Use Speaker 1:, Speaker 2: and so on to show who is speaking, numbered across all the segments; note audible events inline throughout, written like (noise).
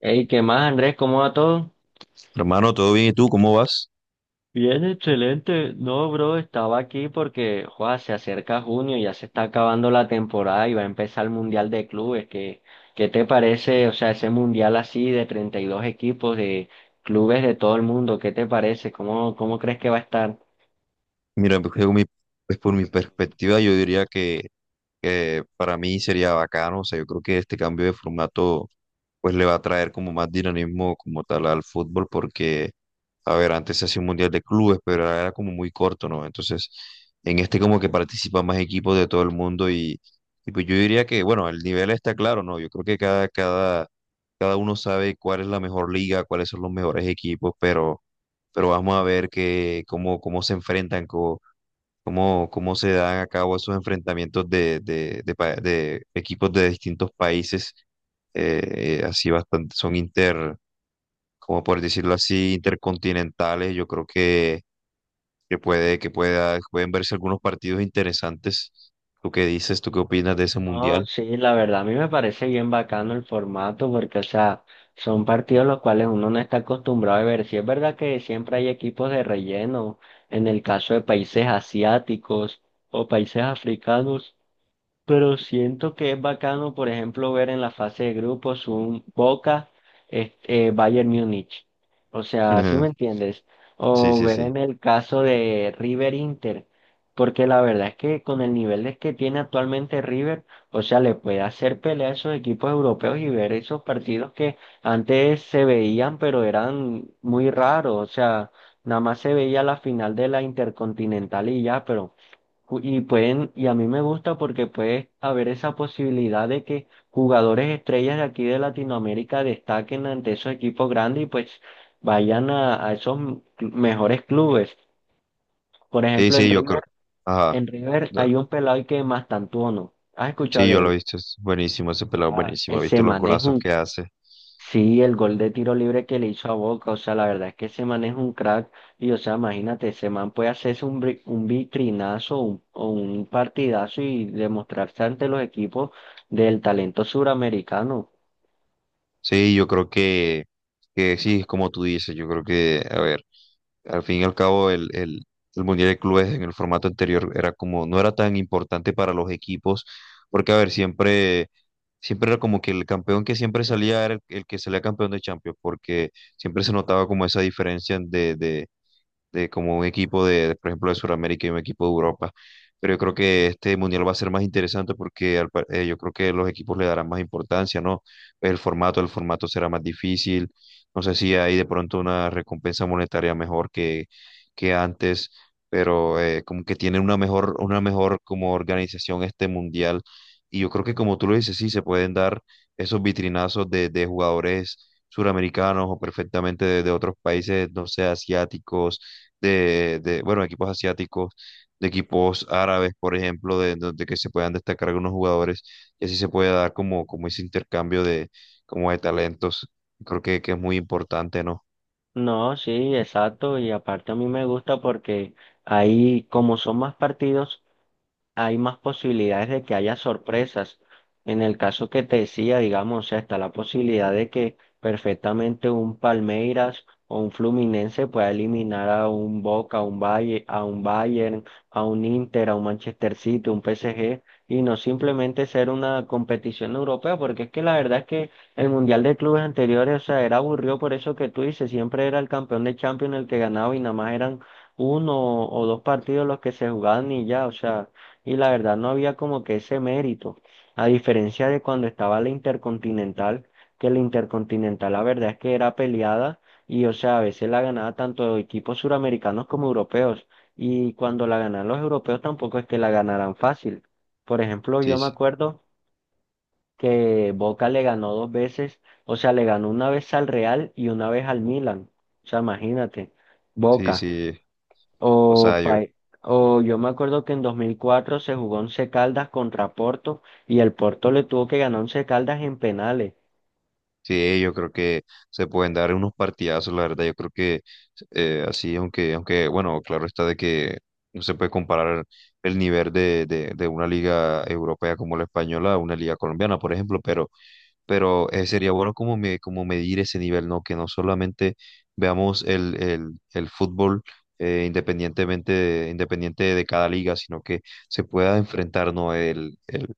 Speaker 1: Hey, ¿qué más, Andrés? ¿Cómo va todo?
Speaker 2: Hermano, ¿todo bien? ¿Y tú cómo vas?
Speaker 1: Bien, excelente. No, bro, estaba aquí porque, joa, se acerca junio, ya se está acabando la temporada y va a empezar el Mundial de Clubes. ¿Qué te parece? O sea, ese Mundial así de 32 equipos de clubes de todo el mundo, ¿qué te parece? ¿Cómo crees que va a estar?
Speaker 2: Mira, pues, por mi perspectiva, yo diría que para mí sería bacano, o sea, yo creo que este cambio de formato pues le va a traer como más dinamismo como tal al fútbol porque, a ver, antes se hacía un mundial de clubes, pero era como muy corto, ¿no? Entonces, en este como que participan más equipos de todo el mundo y pues yo diría que, bueno, el nivel está claro, ¿no? Yo creo que cada uno sabe cuál es la mejor liga, cuáles son los mejores equipos, pero vamos a ver que, cómo se enfrentan cómo se dan a cabo esos enfrentamientos de equipos de distintos países, así bastante, como por decirlo así, intercontinentales, yo creo que pueden verse algunos partidos interesantes. ¿Tú qué dices? ¿Tú qué opinas de ese
Speaker 1: No,
Speaker 2: mundial?
Speaker 1: sí, la verdad a mí me parece bien bacano el formato porque, o sea, son partidos los cuales uno no está acostumbrado a ver. Sí es verdad que siempre hay equipos de relleno, en el caso de países asiáticos o países africanos. Pero siento que es bacano, por ejemplo, ver en la fase de grupos un Boca, Bayern Múnich. O
Speaker 2: (laughs)
Speaker 1: sea, ¿sí
Speaker 2: Ujú.
Speaker 1: me entiendes?
Speaker 2: Sí,
Speaker 1: O
Speaker 2: sí,
Speaker 1: ver
Speaker 2: sí.
Speaker 1: en el caso de River Inter. Porque la verdad es que con el que tiene actualmente River, o sea, le puede hacer pelea a esos equipos europeos y ver esos partidos que antes se veían, pero eran muy raros. O sea, nada más se veía la final de la Intercontinental y ya, pero. Y pueden, y a mí me gusta porque puede haber esa posibilidad de que jugadores estrellas de aquí de Latinoamérica destaquen ante esos equipos grandes y pues vayan a esos mejores clubes. Por
Speaker 2: Sí,
Speaker 1: ejemplo,
Speaker 2: sí, yo creo. Ajá.
Speaker 1: En River
Speaker 2: Da-
Speaker 1: hay un pelado que es Mastantuono. ¿Has escuchado
Speaker 2: Sí,
Speaker 1: de
Speaker 2: yo lo
Speaker 1: él?
Speaker 2: he visto. Es buenísimo ese pelado,
Speaker 1: Guau,
Speaker 2: buenísimo. He
Speaker 1: ese
Speaker 2: visto los
Speaker 1: man es
Speaker 2: golazos
Speaker 1: un.
Speaker 2: que hace.
Speaker 1: Sí, el gol de tiro libre que le hizo a Boca, o sea, la verdad es que ese man es un crack y, o sea, imagínate, ese man puede hacerse un, un vitrinazo o un partidazo y demostrarse ante los equipos del talento suramericano.
Speaker 2: Sí, yo creo que sí, es como tú dices, yo creo que, a ver, al fin y al cabo el Mundial de Clubes en el formato anterior era como, no era tan importante para los equipos, porque a ver, siempre era como que el campeón que siempre salía era el que salía campeón de Champions, porque siempre se notaba como esa diferencia de como un equipo de, por ejemplo, de Sudamérica y un equipo de Europa. Pero yo creo que este mundial va a ser más interesante porque yo creo que los equipos le darán más importancia, ¿no? Pues el formato, el formato será más difícil. No sé si hay de pronto una recompensa monetaria mejor que antes, pero como que tiene una mejor como organización este mundial. Y yo creo que como tú lo dices, sí, se pueden dar esos vitrinazos de jugadores suramericanos o perfectamente de otros países, no sé, asiáticos de, bueno, equipos asiáticos, de equipos árabes, por ejemplo, de, donde que se puedan destacar algunos jugadores y así se puede dar como, como ese intercambio de, como de talentos. Creo que es muy importante, ¿no?
Speaker 1: No, sí, exacto, y aparte a mí me gusta porque ahí, como son más partidos, hay más posibilidades de que haya sorpresas. En el caso que te decía, digamos, o sea, está la posibilidad de que perfectamente un Palmeiras o un Fluminense pueda eliminar a un Boca, a un Valle, a un Bayern, a un Inter, a un Manchester City, un PSG, y no simplemente ser una competición europea, porque es que la verdad es que el Mundial de Clubes anteriores, o sea, era aburrido por eso que tú dices, siempre era el campeón de Champions el que ganaba y nada más eran uno o dos partidos los que se jugaban y ya, o sea y la verdad no había como que ese mérito, a diferencia de cuando estaba la Intercontinental, que la Intercontinental la verdad es que era peleada y o sea, a veces la ganaba tanto equipos suramericanos como europeos y cuando la ganan los europeos tampoco es que la ganaran fácil. Por ejemplo, yo
Speaker 2: Sí,
Speaker 1: me
Speaker 2: sí,
Speaker 1: acuerdo que Boca le ganó dos veces, o sea, le ganó una vez al Real y una vez al Milan. O sea, imagínate,
Speaker 2: sí,
Speaker 1: Boca.
Speaker 2: sí.
Speaker 1: O,
Speaker 2: O sea, yo,
Speaker 1: o yo me acuerdo que en 2004 se jugó Once Caldas contra Porto y el Porto le tuvo que ganar Once Caldas en penales.
Speaker 2: sí, yo creo que se pueden dar unos partidazos, la verdad, yo creo que así, aunque, bueno, claro está de que no se puede comparar el nivel de una liga europea como la española a una liga colombiana, por ejemplo, pero sería bueno como, me, como medir ese nivel, ¿no? Que no solamente veamos el fútbol independientemente de, independiente de cada liga, sino que se pueda enfrentar, ¿no?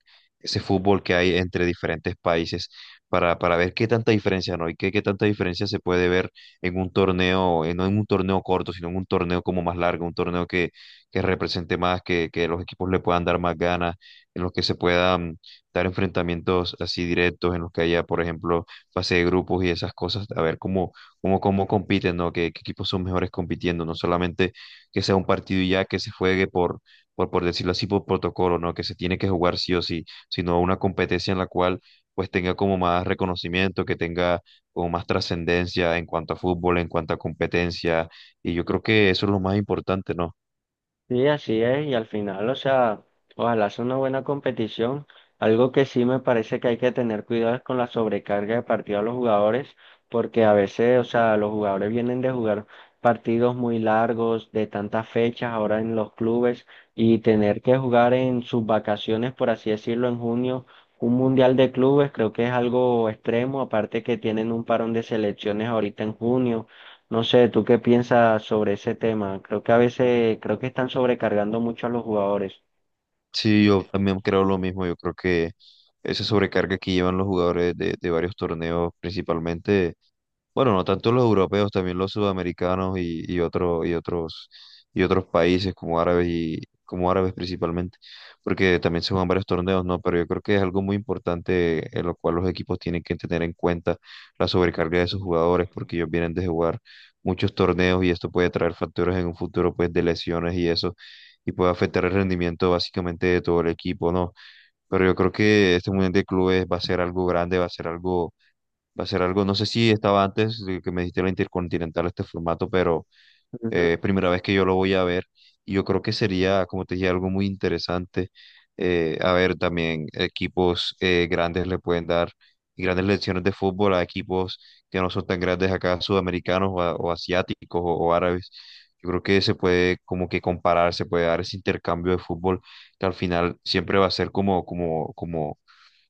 Speaker 2: Ese fútbol que hay entre diferentes países para ver qué tanta diferencia, ¿no? Y qué tanta diferencia se puede ver en un torneo, no en un torneo corto, sino en un torneo como más largo, un torneo que represente más, que los equipos le puedan dar más ganas, en los que se puedan dar enfrentamientos así directos en los que haya, por ejemplo, fase de grupos y esas cosas, a ver cómo compiten, ¿no? Qué equipos son mejores compitiendo? No solamente que sea un partido y ya que se juegue por decirlo así, por protocolo, ¿no? Que se tiene que jugar sí o sí, sino una competencia en la cual pues tenga como más reconocimiento, que tenga como más trascendencia en cuanto a fútbol, en cuanto a competencia, y yo creo que eso es lo más importante, ¿no?
Speaker 1: Sí, así es, y al final, o sea, ojalá sea una buena competición. Algo que sí me parece que hay que tener cuidado es con la sobrecarga de partido a los jugadores, porque a veces, o sea, los jugadores vienen de jugar partidos muy largos, de tantas fechas ahora en los clubes, y tener que jugar en sus vacaciones, por así decirlo, en junio, un mundial de clubes, creo que es algo extremo, aparte que tienen un parón de selecciones ahorita en junio. No sé, ¿tú qué piensas sobre ese tema? Creo que a veces, creo que están sobrecargando mucho a los jugadores.
Speaker 2: Sí, yo también creo lo mismo. Yo creo que esa sobrecarga que llevan los jugadores de varios torneos, principalmente, bueno, no tanto los europeos, también los sudamericanos y otros países como árabes y como árabes principalmente, porque también se juegan varios torneos, ¿no? Pero yo creo que es algo muy importante en lo cual los equipos tienen que tener en cuenta la sobrecarga de sus jugadores, porque ellos vienen de jugar muchos torneos y esto puede traer factores en un futuro, pues, de lesiones y eso y puede afectar el rendimiento básicamente de todo el equipo, ¿no? Pero yo creo que este Mundial de Clubes va a ser algo grande, va a ser algo, va a ser algo, no sé si estaba antes de que me dijiste la Intercontinental este formato, pero primera vez que yo lo voy a ver. Y yo creo que sería, como te dije, algo muy interesante. A ver, también equipos grandes le pueden dar grandes lecciones de fútbol a equipos que no son tan grandes acá, sudamericanos o asiáticos o árabes. Yo creo que se puede como que comparar, se puede dar ese intercambio de fútbol que al final siempre va a ser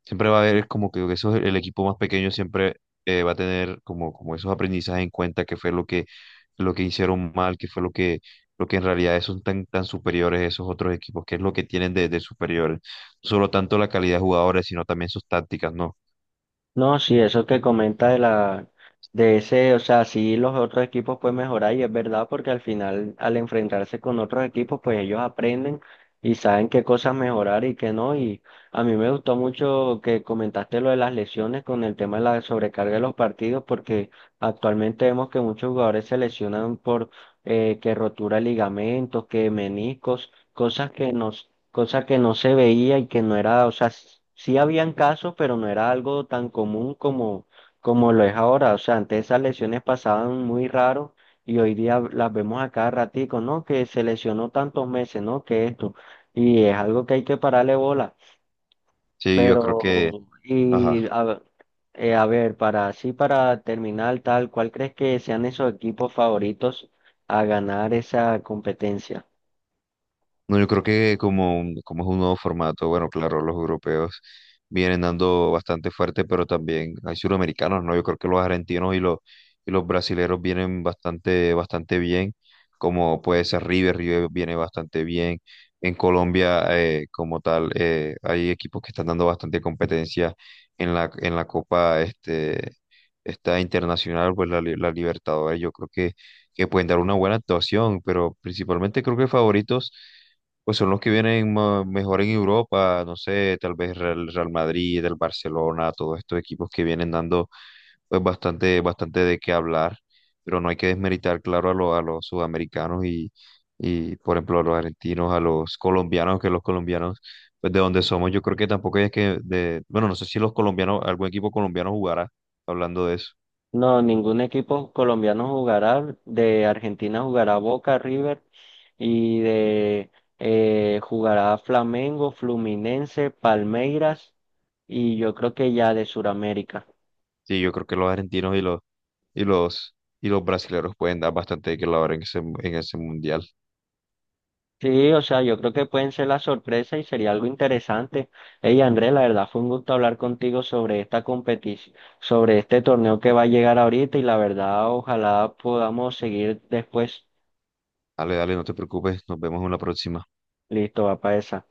Speaker 2: siempre va a haber como que eso, el equipo más pequeño siempre va a tener como, como esos aprendizajes en cuenta que fue lo que hicieron mal, que fue lo que en realidad son tan, tan superiores a esos otros equipos, que es lo que tienen de superiores. No solo tanto la calidad de jugadores, sino también sus tácticas, ¿no?
Speaker 1: No, sí, eso que comenta de ese, o sea, sí los otros equipos pueden mejorar y es verdad porque al final al enfrentarse con otros equipos pues ellos aprenden y saben qué cosas mejorar y qué no y a mí me gustó mucho que comentaste lo de las lesiones con el tema de la sobrecarga de los partidos porque actualmente vemos que muchos jugadores se lesionan por que rotura de ligamentos, que meniscos, cosa que no se veía y que no era, o sea, sí habían casos, pero no era algo tan común como, como lo es ahora. O sea, antes esas lesiones pasaban muy raro y hoy día las vemos a cada ratico, ¿no? Que se lesionó tantos meses, ¿no? Que esto. Y es algo que hay que pararle bola.
Speaker 2: Sí, yo creo que,
Speaker 1: Pero,
Speaker 2: ajá.
Speaker 1: a ver, para así, para terminar tal, ¿cuál crees que sean esos equipos favoritos a ganar esa competencia?
Speaker 2: No, yo creo que como, como es un nuevo formato, bueno, claro, los europeos vienen dando bastante fuerte, pero también hay suramericanos, ¿no? Yo creo que los argentinos y los brasileros vienen bastante, bastante bien, como puede ser River, River viene bastante bien. En Colombia, como tal, hay equipos que están dando bastante competencia en la Copa este, esta internacional, pues la Libertadores, yo creo que pueden dar una buena actuación, pero principalmente creo que favoritos. Pues son los que vienen mejor en Europa, no sé, tal vez Real Madrid, el Barcelona, todos estos equipos que vienen dando pues bastante, bastante de qué hablar, pero no hay que desmeritar, claro, a los sudamericanos y, por ejemplo, a los argentinos, a los colombianos, pues de donde somos, yo creo que tampoco es que, de, bueno, no sé si los colombianos, algún equipo colombiano jugará hablando de eso.
Speaker 1: No, ningún equipo colombiano jugará. De Argentina jugará Boca, River y de jugará Flamengo, Fluminense, Palmeiras y yo creo que ya de Sudamérica.
Speaker 2: Sí, yo creo que los argentinos y los, y los brasileños pueden dar bastante de qué hablar en ese mundial.
Speaker 1: Sí, o sea, yo creo que pueden ser la sorpresa y sería algo interesante. Hey, Andrés, la verdad fue un gusto hablar contigo sobre esta competición, sobre este torneo que va a llegar ahorita y la verdad ojalá podamos seguir después.
Speaker 2: Dale, dale, no te preocupes, nos vemos en la próxima.
Speaker 1: Listo, va para esa.